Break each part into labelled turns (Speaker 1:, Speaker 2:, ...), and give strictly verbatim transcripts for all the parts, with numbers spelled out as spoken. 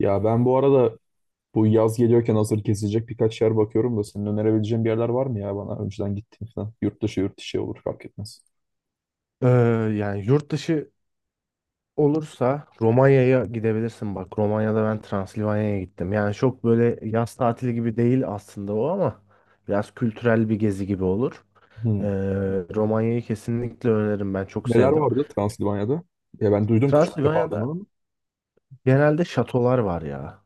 Speaker 1: Ya ben bu arada bu yaz geliyorken hazır kesilecek birkaç yer bakıyorum da senin önerebileceğin bir yerler var mı ya bana önceden gittiğim falan. Yurt dışı yurt dışı olur fark etmez.
Speaker 2: Ee, yani yurt dışı olursa Romanya'ya gidebilirsin bak. Romanya'da ben Transilvanya'ya gittim. Yani çok böyle yaz tatili gibi değil aslında o ama biraz kültürel bir gezi gibi olur. Ee,
Speaker 1: Hmm.
Speaker 2: Romanya'yı kesinlikle öneririm, ben çok
Speaker 1: Neler
Speaker 2: sevdim.
Speaker 1: vardı Transilvanya'da? Ya ben duydum ki çok defa adını
Speaker 2: Transilvanya'da
Speaker 1: ama.
Speaker 2: genelde şatolar var ya.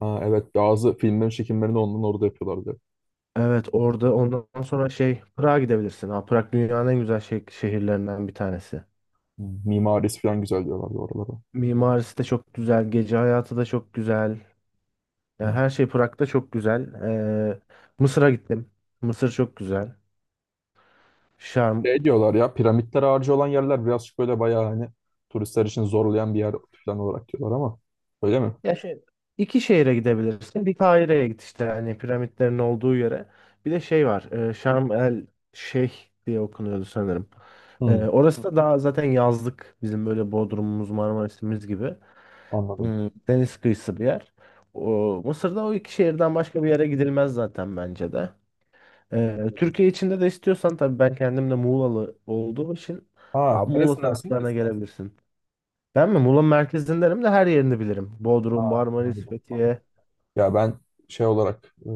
Speaker 1: Ha, evet, bazı filmlerin çekimlerini ondan orada yapıyorlardı.
Speaker 2: Evet, orada ondan sonra şey Prag'a gidebilirsin. Ha, Prag dünyanın en güzel şeh- şehirlerinden bir tanesi.
Speaker 1: Hmm. Mimarisi falan güzel diyorlardı oralara.
Speaker 2: Mimarisi de çok güzel, gece hayatı da çok güzel. Ya
Speaker 1: Hmm.
Speaker 2: her şey Prag'da çok güzel. Ee, Mısır'a gittim. Mısır çok güzel. Şam.
Speaker 1: Şey diyorlar ya, piramitler harcı olan yerler birazcık böyle bayağı hani turistler için zorlayan bir yer falan olarak diyorlar ama öyle mi?
Speaker 2: Ya şey, iki şehre gidebilirsin. Bir Kahire'ye git işte hani piramitlerin olduğu yere. Bir de şey var. E, Şarm El Şeyh diye okunuyordu sanırım. Ee,
Speaker 1: Hmm,
Speaker 2: orası da daha zaten yazlık. Bizim böyle Bodrum'umuz, Marmaris'imiz gibi.
Speaker 1: anladım.
Speaker 2: Hmm, deniz kıyısı bir yer. O, Mısır'da o iki şehirden başka bir yere gidilmez zaten bence de. Ee, Türkiye içinde de istiyorsan tabii, ben kendim de Muğlalı olduğum için
Speaker 1: Ha,
Speaker 2: a, Muğla
Speaker 1: neresindensin?
Speaker 2: taraflarına gelebilirsin. Ben mi? Muğla merkezindenim de her yerini bilirim. Bodrum,
Speaker 1: Ha,
Speaker 2: Marmaris,
Speaker 1: anladım.
Speaker 2: Fethiye.
Speaker 1: Ya ben şey olarak e,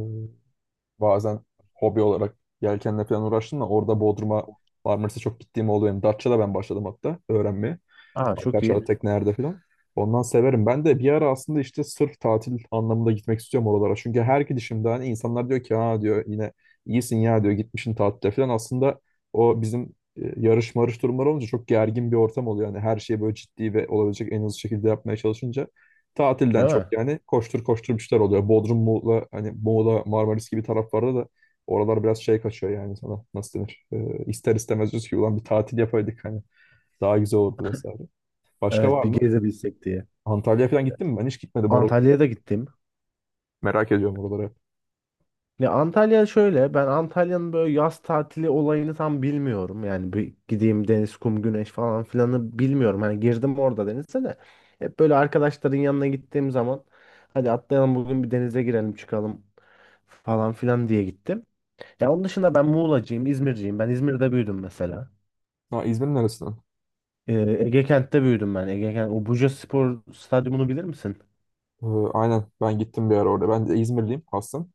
Speaker 1: bazen hobi olarak yelkenle falan uğraştım da orada Bodrum'a, Marmaris'e çok gittiğim oluyor. Yani Datça'da ben başladım hatta öğrenmeye.
Speaker 2: Aa, çok iyi.
Speaker 1: Arkadaşlar teknelerde falan. Ondan severim. Ben de bir ara aslında işte sırf tatil anlamında gitmek istiyorum oralara. Çünkü her gidişimde hani insanlar diyor ki ha diyor, yine iyisin ya diyor, gitmişsin tatile falan. Aslında o bizim e, yarış marış durumları olunca çok gergin bir ortam oluyor. Yani her şeyi böyle ciddi ve olabilecek en hızlı şekilde yapmaya çalışınca tatilden
Speaker 2: Değil mi?
Speaker 1: çok yani koştur koştur bir şeyler oluyor. Bodrum, Muğla, hani Muğla, Marmaris gibi taraflarda da oralar biraz şey kaçıyor yani sana nasıl denir? E, ister istemez diyorsun ki ulan bir tatil yapaydık hani daha güzel olurdu vesaire. Başka
Speaker 2: Evet,
Speaker 1: var
Speaker 2: bir
Speaker 1: mı?
Speaker 2: gezebilsek diye.
Speaker 1: Antalya'ya falan gittin mi? Ben hiç gitmedim oralara.
Speaker 2: Antalya'ya da gittim.
Speaker 1: Merak ediyorum oraları.
Speaker 2: Ya Antalya şöyle, ben Antalya'nın böyle yaz tatili olayını tam bilmiyorum. Yani bir gideyim deniz, kum, güneş falan filanı bilmiyorum. Hani girdim orada denize de. Hep böyle arkadaşların yanına gittiğim zaman hadi atlayalım bugün bir denize girelim çıkalım falan filan diye gittim. Ya onun dışında ben Muğlacıyım, İzmirciyim. Ben İzmir'de büyüdüm mesela.
Speaker 1: Ha, İzmir'in neresinden?
Speaker 2: Ee, Ege Kent'te büyüdüm ben. Ege Kent, o Buca Spor Stadyumunu bilir misin?
Speaker 1: Ee, aynen ben gittim bir ara orada. Ben de İzmirliyim aslım.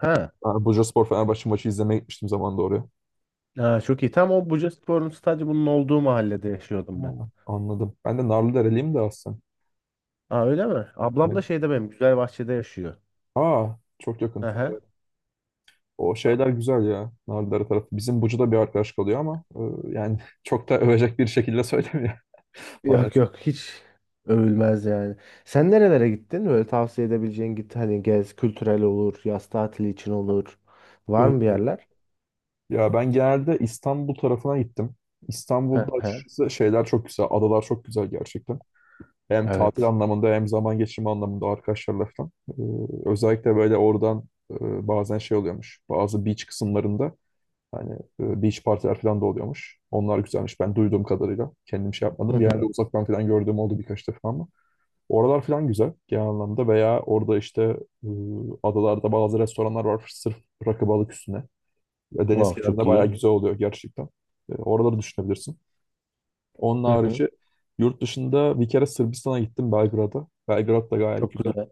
Speaker 2: Ha.
Speaker 1: Ben Bursaspor Fenerbahçe maçı izlemeye gitmiştim zamanında oraya.
Speaker 2: Ha, çok iyi. Tam o Buca Spor'un stadyumunun olduğu mahallede yaşıyordum ben.
Speaker 1: Ha, anladım. Ben de Narlıdereliyim de aslında.
Speaker 2: Aa, öyle mi? Ablam
Speaker 1: Evet.
Speaker 2: da şeyde benim, Güzelbahçe'de yaşıyor.
Speaker 1: Aa, çok yakın.
Speaker 2: Aha.
Speaker 1: O şeyler güzel ya. Nargile tarafı. Bizim Bucu'da bir arkadaş kalıyor ama e, yani çok da övecek bir şekilde söylemiyor
Speaker 2: Yok
Speaker 1: maalesef.
Speaker 2: yok, hiç övülmez yani. Sen nerelere gittin? Böyle tavsiye edebileceğin, git hani gez, kültürel olur, yaz tatili için olur.
Speaker 1: E,
Speaker 2: Var mı bir yerler?
Speaker 1: ya ben genelde İstanbul tarafına gittim. İstanbul'da
Speaker 2: Hı hı.
Speaker 1: açıkçası şeyler çok güzel. Adalar çok güzel gerçekten. Hem tatil
Speaker 2: Evet.
Speaker 1: anlamında hem zaman geçirme anlamında arkadaşlarla falan. E, özellikle böyle oradan e, bazen şey oluyormuş. Bazı beach kısımlarında hani e, beach partiler falan da oluyormuş. Onlar güzelmiş. Ben duyduğum kadarıyla. Kendim şey
Speaker 2: Hı
Speaker 1: yapmadım. Genelde
Speaker 2: hı.
Speaker 1: uzaktan falan gördüğüm oldu birkaç defa ama. Oralar falan güzel genel anlamda, veya orada işte e, adalarda bazı restoranlar var sırf rakı balık üstüne. Ve deniz
Speaker 2: Wow,
Speaker 1: kenarında
Speaker 2: çok
Speaker 1: bayağı
Speaker 2: iyi.
Speaker 1: güzel oluyor gerçekten. E, oraları düşünebilirsin. Onun
Speaker 2: Hı hı.
Speaker 1: harici yurt dışında bir kere Sırbistan'a gittim, Belgrad'a. Belgrad da gayet
Speaker 2: Çok
Speaker 1: güzel.
Speaker 2: güzel.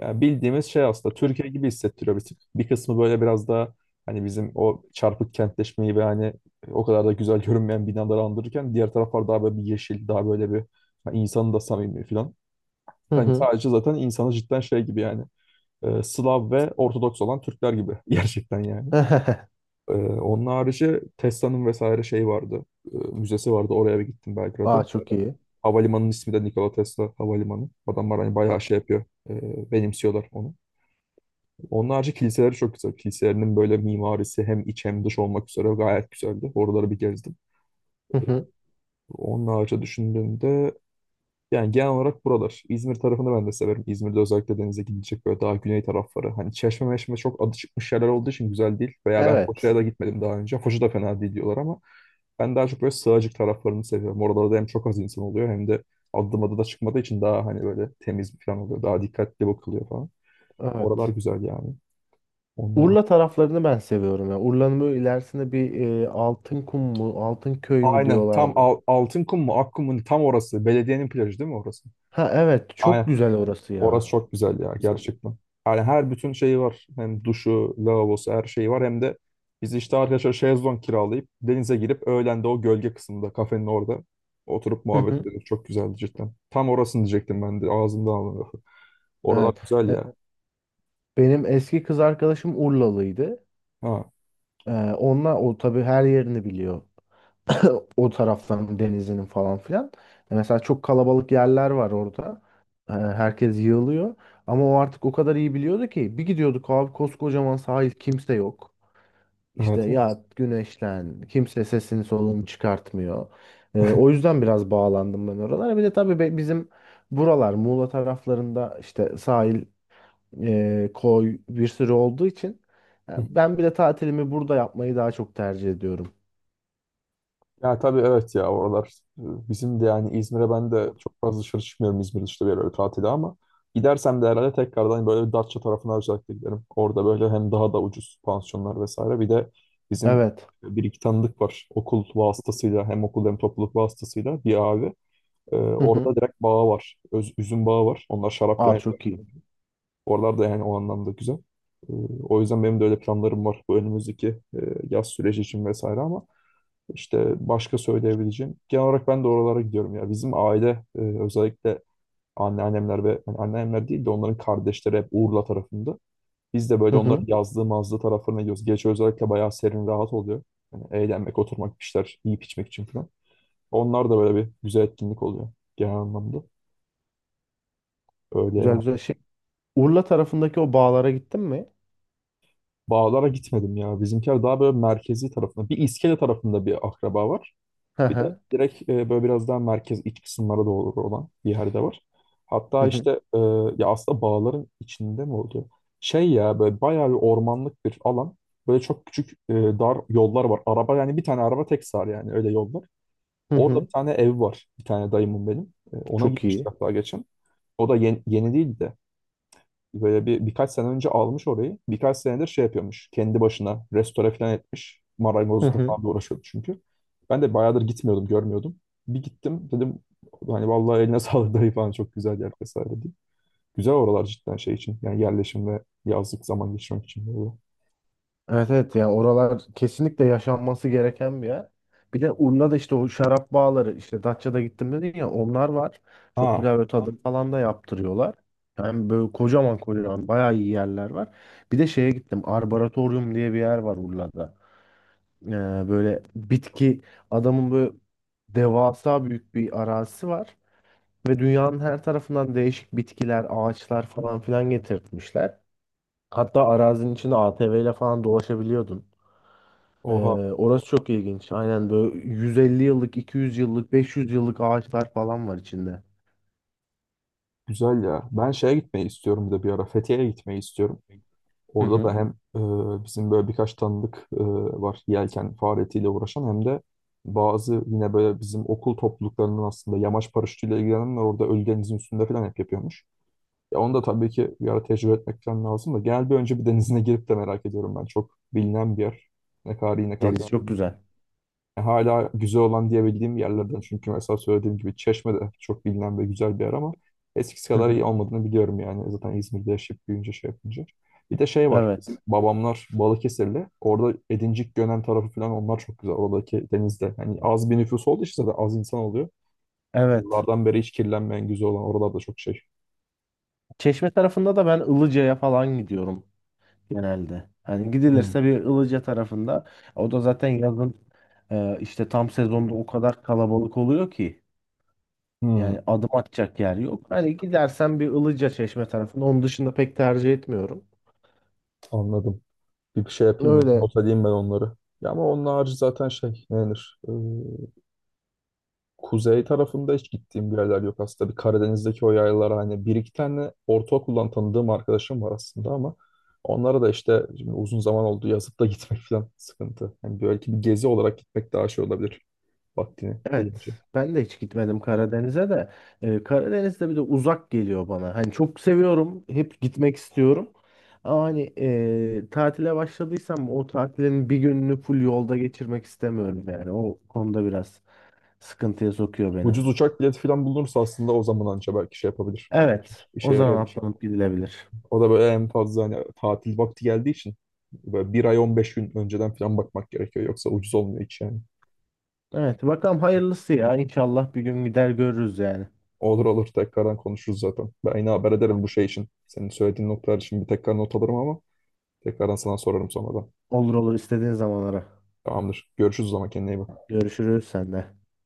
Speaker 1: Yani bildiğimiz şey aslında,
Speaker 2: Evet.
Speaker 1: Türkiye gibi hissettiriyor bir tık. Bir kısmı böyle biraz daha hani bizim o çarpık kentleşmeyi ve hani o kadar da güzel görünmeyen binaları andırırken, diğer taraflar daha böyle bir yeşil, daha böyle bir hani insanı da samimi falan.
Speaker 2: Hı
Speaker 1: Hani
Speaker 2: hı.
Speaker 1: sadece zaten insanı cidden şey gibi yani e, Slav ve Ortodoks olan Türkler gibi gerçekten yani. E, onun harici Tesla'nın vesaire şey vardı. E, müzesi vardı. Oraya bir gittim
Speaker 2: Aa,
Speaker 1: Belgrad'a.
Speaker 2: çok iyi.
Speaker 1: Havalimanının ismi de Nikola Tesla Havalimanı. Adamlar hani
Speaker 2: A-
Speaker 1: bayağı şey yapıyor. E, benimsiyorlar onu. Onun harici kiliseleri çok güzel. Kiliselerinin böyle mimarisi hem iç hem dış olmak üzere gayet güzeldi. Oraları bir gezdim.
Speaker 2: Hı hı.
Speaker 1: Onun harici düşündüğümde yani genel olarak buralar. İzmir tarafını ben de severim. İzmir'de özellikle denize gidilecek böyle daha güney tarafları. Hani Çeşme meşme çok adı çıkmış yerler olduğu için güzel değil. Veya ben Foça'ya
Speaker 2: Evet.
Speaker 1: da gitmedim daha önce. Foça da fena değil diyorlar ama ben daha çok böyle Sığacık taraflarını seviyorum. Oralarda hem çok az insan oluyor, hem de adım adı da çıkmadığı için daha hani böyle temiz bir falan oluyor. Daha dikkatli bakılıyor falan. Oralar
Speaker 2: Evet.
Speaker 1: güzel yani. Onunla.
Speaker 2: Urla taraflarını ben seviyorum ya. Urla'nın böyle ilerisinde bir e, Altınkum mu, Altınköy mü
Speaker 1: Aynen. Tam
Speaker 2: diyorlardı.
Speaker 1: Al- Altınkum mu, Akkum mu tam orası. Belediyenin plajı değil mi orası?
Speaker 2: Ha evet, çok
Speaker 1: Aynen.
Speaker 2: güzel orası
Speaker 1: Orası
Speaker 2: ya.
Speaker 1: çok güzel ya
Speaker 2: Güzel ya.
Speaker 1: gerçekten. Yani her bütün şeyi var. Hem duşu, lavabosu, her şeyi var. Hem de biz işte arkadaşlar şezlong kiralayıp denize girip öğlen de o gölge kısmında kafenin orada oturup
Speaker 2: Hı
Speaker 1: muhabbet
Speaker 2: hı.
Speaker 1: ediyoruz. Çok güzeldi cidden. Tam orasını diyecektim ben de, ağzımda aldım. Oralar
Speaker 2: Evet.
Speaker 1: güzel
Speaker 2: E,
Speaker 1: ya.
Speaker 2: Benim eski kız arkadaşım Urlalıydı.
Speaker 1: Ha,
Speaker 2: E, onunla o tabii her yerini biliyor. O taraftan denizinin falan filan. E, mesela çok kalabalık yerler var orada. E, herkes yığılıyor. Ama o artık o kadar iyi biliyordu ki bir gidiyorduk abi, koskocaman sahil, kimse yok. İşte
Speaker 1: evet.
Speaker 2: ya güneşlen, kimse sesini solunu çıkartmıyor. E, o yüzden biraz bağlandım ben oralara. Bir de tabii be- bizim buralar Muğla taraflarında işte sahil, e, koy bir sürü olduğu için, e,
Speaker 1: Evet.
Speaker 2: ben bir de tatilimi burada yapmayı daha çok tercih ediyorum.
Speaker 1: Ya tabii, evet ya, oralar e, bizim de yani İzmir'e, ben de çok fazla dışarı çıkmıyorum İzmir dışında bir yerlere tatile, ama gidersem de herhalde tekrardan böyle bir Datça tarafına özellikle giderim. Orada böyle hem daha da ucuz pansiyonlar vesaire, bir de bizim
Speaker 2: Evet.
Speaker 1: bir iki tanıdık var okul vasıtasıyla, hem okul hem topluluk vasıtasıyla bir abi. E, orada direkt bağı var. Öz, üzüm bağı var. Onlar şarap falan
Speaker 2: Aa,
Speaker 1: yapıyor.
Speaker 2: çok iyi.
Speaker 1: Oralar da yani o anlamda güzel. E, o yüzden benim de öyle planlarım var bu önümüzdeki e, yaz süreci için vesaire, ama işte başka söyleyebileceğim. Genel olarak ben de oralara gidiyorum ya. Bizim aile e, özellikle anneannemler ve yani anneannemler değil de onların kardeşleri hep Urla tarafında. Biz de böyle
Speaker 2: Hı
Speaker 1: onların
Speaker 2: hı.
Speaker 1: yazlığı mazlığı taraflarına gidiyoruz. Gece özellikle bayağı serin rahat oluyor. Yani eğlenmek, oturmak, bir şeyler yiyip içmek için falan. Onlar da böyle bir güzel etkinlik oluyor genel anlamda. Öyle
Speaker 2: Güzel
Speaker 1: ya.
Speaker 2: güzel şey. Urla tarafındaki o bağlara gittin mi?
Speaker 1: Bağlara gitmedim ya. Bizimkiler daha böyle merkezi tarafında. Bir İskele tarafında bir akraba var.
Speaker 2: Hı
Speaker 1: Bir de
Speaker 2: hı.
Speaker 1: direkt e, böyle biraz daha merkez iç kısımlara doğru olan bir yerde var.
Speaker 2: Hı
Speaker 1: Hatta
Speaker 2: hı.
Speaker 1: işte e, ya aslında bağların içinde mi oluyor? Şey ya, böyle bayağı bir ormanlık bir alan. Böyle çok küçük e, dar yollar var. Araba yani bir tane araba tek sar yani, öyle yollar.
Speaker 2: Hı
Speaker 1: Orada
Speaker 2: hı.
Speaker 1: bir tane ev var. Bir tane dayımın benim. E, ona
Speaker 2: Çok
Speaker 1: gitmiştik
Speaker 2: iyi.
Speaker 1: hatta geçen. O da yeni, yeni değil de, böyle bir birkaç sene önce almış orayı. Birkaç senedir şey yapıyormuş. Kendi başına restore falan etmiş.
Speaker 2: Hı
Speaker 1: Marangozlukla
Speaker 2: hı.
Speaker 1: falan da uğraşıyordu çünkü. Ben de bayağıdır gitmiyordum, görmüyordum. Bir gittim dedim hani vallahi eline sağlık dayı falan, çok güzel yer vesaire diye. Güzel oralar cidden şey için. Yani yerleşim ve yazlık zaman geçirmek için, böyle.
Speaker 2: Evet evet, yani oralar kesinlikle yaşanması gereken bir yer. Bir de Urla'da işte o şarap bağları, işte Datça'da gittim dedin ya, onlar var. Çok
Speaker 1: Ha,
Speaker 2: güzel, böyle tadım falan da yaptırıyorlar. Yani böyle kocaman kocaman bayağı iyi yerler var. Bir de şeye gittim. Arboretorium diye bir yer var Urla'da. Ee, Böyle bitki, adamın böyle devasa büyük bir arazisi var. Ve dünyanın her tarafından değişik bitkiler, ağaçlar falan filan getirtmişler. Hatta arazinin içinde A T V ile falan dolaşabiliyordun. Ee,
Speaker 1: oha.
Speaker 2: Orası çok ilginç. Aynen böyle yüz elli yıllık, iki yüz yıllık, beş yüz yıllık ağaçlar falan var içinde.
Speaker 1: Güzel ya. Ben şeye gitmeyi istiyorum bir de bir ara. Fethiye'ye gitmeyi istiyorum.
Speaker 2: Hı
Speaker 1: Orada da
Speaker 2: hı.
Speaker 1: hem e, bizim böyle birkaç tanıdık e, var yelken faaliyetiyle uğraşan, hem de bazı yine böyle bizim okul topluluklarının aslında yamaç paraşütüyle ilgilenenler orada ölü denizin üstünde falan hep yapıyormuş. Ya onu da tabii ki bir ara tecrübe etmek falan lazım da, genel bir önce bir denizine girip de merak ediyorum ben. Çok bilinen bir yer. Ne kadar iyi, ne kadar
Speaker 2: Deniz
Speaker 1: kötü.
Speaker 2: çok güzel.
Speaker 1: Hala güzel olan diyebildiğim yerlerden çünkü, mesela söylediğim gibi Çeşme de çok bilinen ve güzel bir yer ama eskisi
Speaker 2: Hı
Speaker 1: kadar iyi
Speaker 2: hı.
Speaker 1: olmadığını biliyorum yani. Zaten İzmir'de yaşayıp büyüyünce şey yapınca. Bir de şey var. Bizim
Speaker 2: Evet.
Speaker 1: babamlar Balıkesirli. Orada Edincik, Gönen tarafı falan, onlar çok güzel. Oradaki denizde. Yani az bir nüfus olduğu için zaten az insan oluyor.
Speaker 2: Evet.
Speaker 1: Yıllardan beri hiç kirlenmeyen güzel olan oralarda çok şey.
Speaker 2: Çeşme tarafında da ben Ilıca'ya falan gidiyorum genelde. Hani
Speaker 1: Hmm,
Speaker 2: gidilirse bir Ilıca tarafında, o da zaten yazın, e, işte tam sezonda o kadar kalabalık oluyor ki.
Speaker 1: hmm,
Speaker 2: Yani adım atacak yer yok. Hani gidersen bir Ilıca Çeşme tarafında. Onun dışında pek tercih etmiyorum.
Speaker 1: anladım. Bir şey yapayım ya.
Speaker 2: Öyle
Speaker 1: Not edeyim ben onları. Ya ama onun harici zaten şey ne denir? Kuzey tarafında hiç gittiğim bir yerler yok aslında. Bir Karadeniz'deki o yaylalar, hani bir iki tane ortaokuldan tanıdığım arkadaşım var aslında ama onlara da işte şimdi uzun zaman oldu, yazıp da gitmek falan sıkıntı. Yani belki bir gezi olarak gitmek daha şey olabilir vaktini
Speaker 2: evet.
Speaker 1: gelince.
Speaker 2: Ben de hiç gitmedim Karadeniz'e de. Ee, Karadeniz'de bir de uzak geliyor bana. Hani çok seviyorum. Hep gitmek istiyorum. Ama hani, e, tatile başladıysam o tatilin bir gününü full yolda geçirmek istemiyorum yani. O konuda biraz sıkıntıya sokuyor beni.
Speaker 1: Ucuz uçak bileti falan bulunursa aslında o zaman anca belki şey yapabilir.
Speaker 2: Evet. O
Speaker 1: İşe
Speaker 2: zaman
Speaker 1: yarayabilir.
Speaker 2: atlanıp gidilebilir.
Speaker 1: O da böyle en fazla hani tatil vakti geldiği için böyle bir ay on beş gün önceden falan bakmak gerekiyor. Yoksa ucuz olmuyor hiç yani.
Speaker 2: Evet. Bakalım hayırlısı ya. İnşallah bir gün gider görürüz yani.
Speaker 1: Olur olur, tekrardan konuşuruz zaten. Ben yine haber ederim bu
Speaker 2: Tamam.
Speaker 1: şey için. Senin söylediğin noktalar için bir tekrar not alırım ama tekrardan sana sorarım sonradan.
Speaker 2: Olur olur, istediğin zamanlara.
Speaker 1: Tamamdır. Görüşürüz o zaman, kendine iyi bak.
Speaker 2: Görüşürüz sende.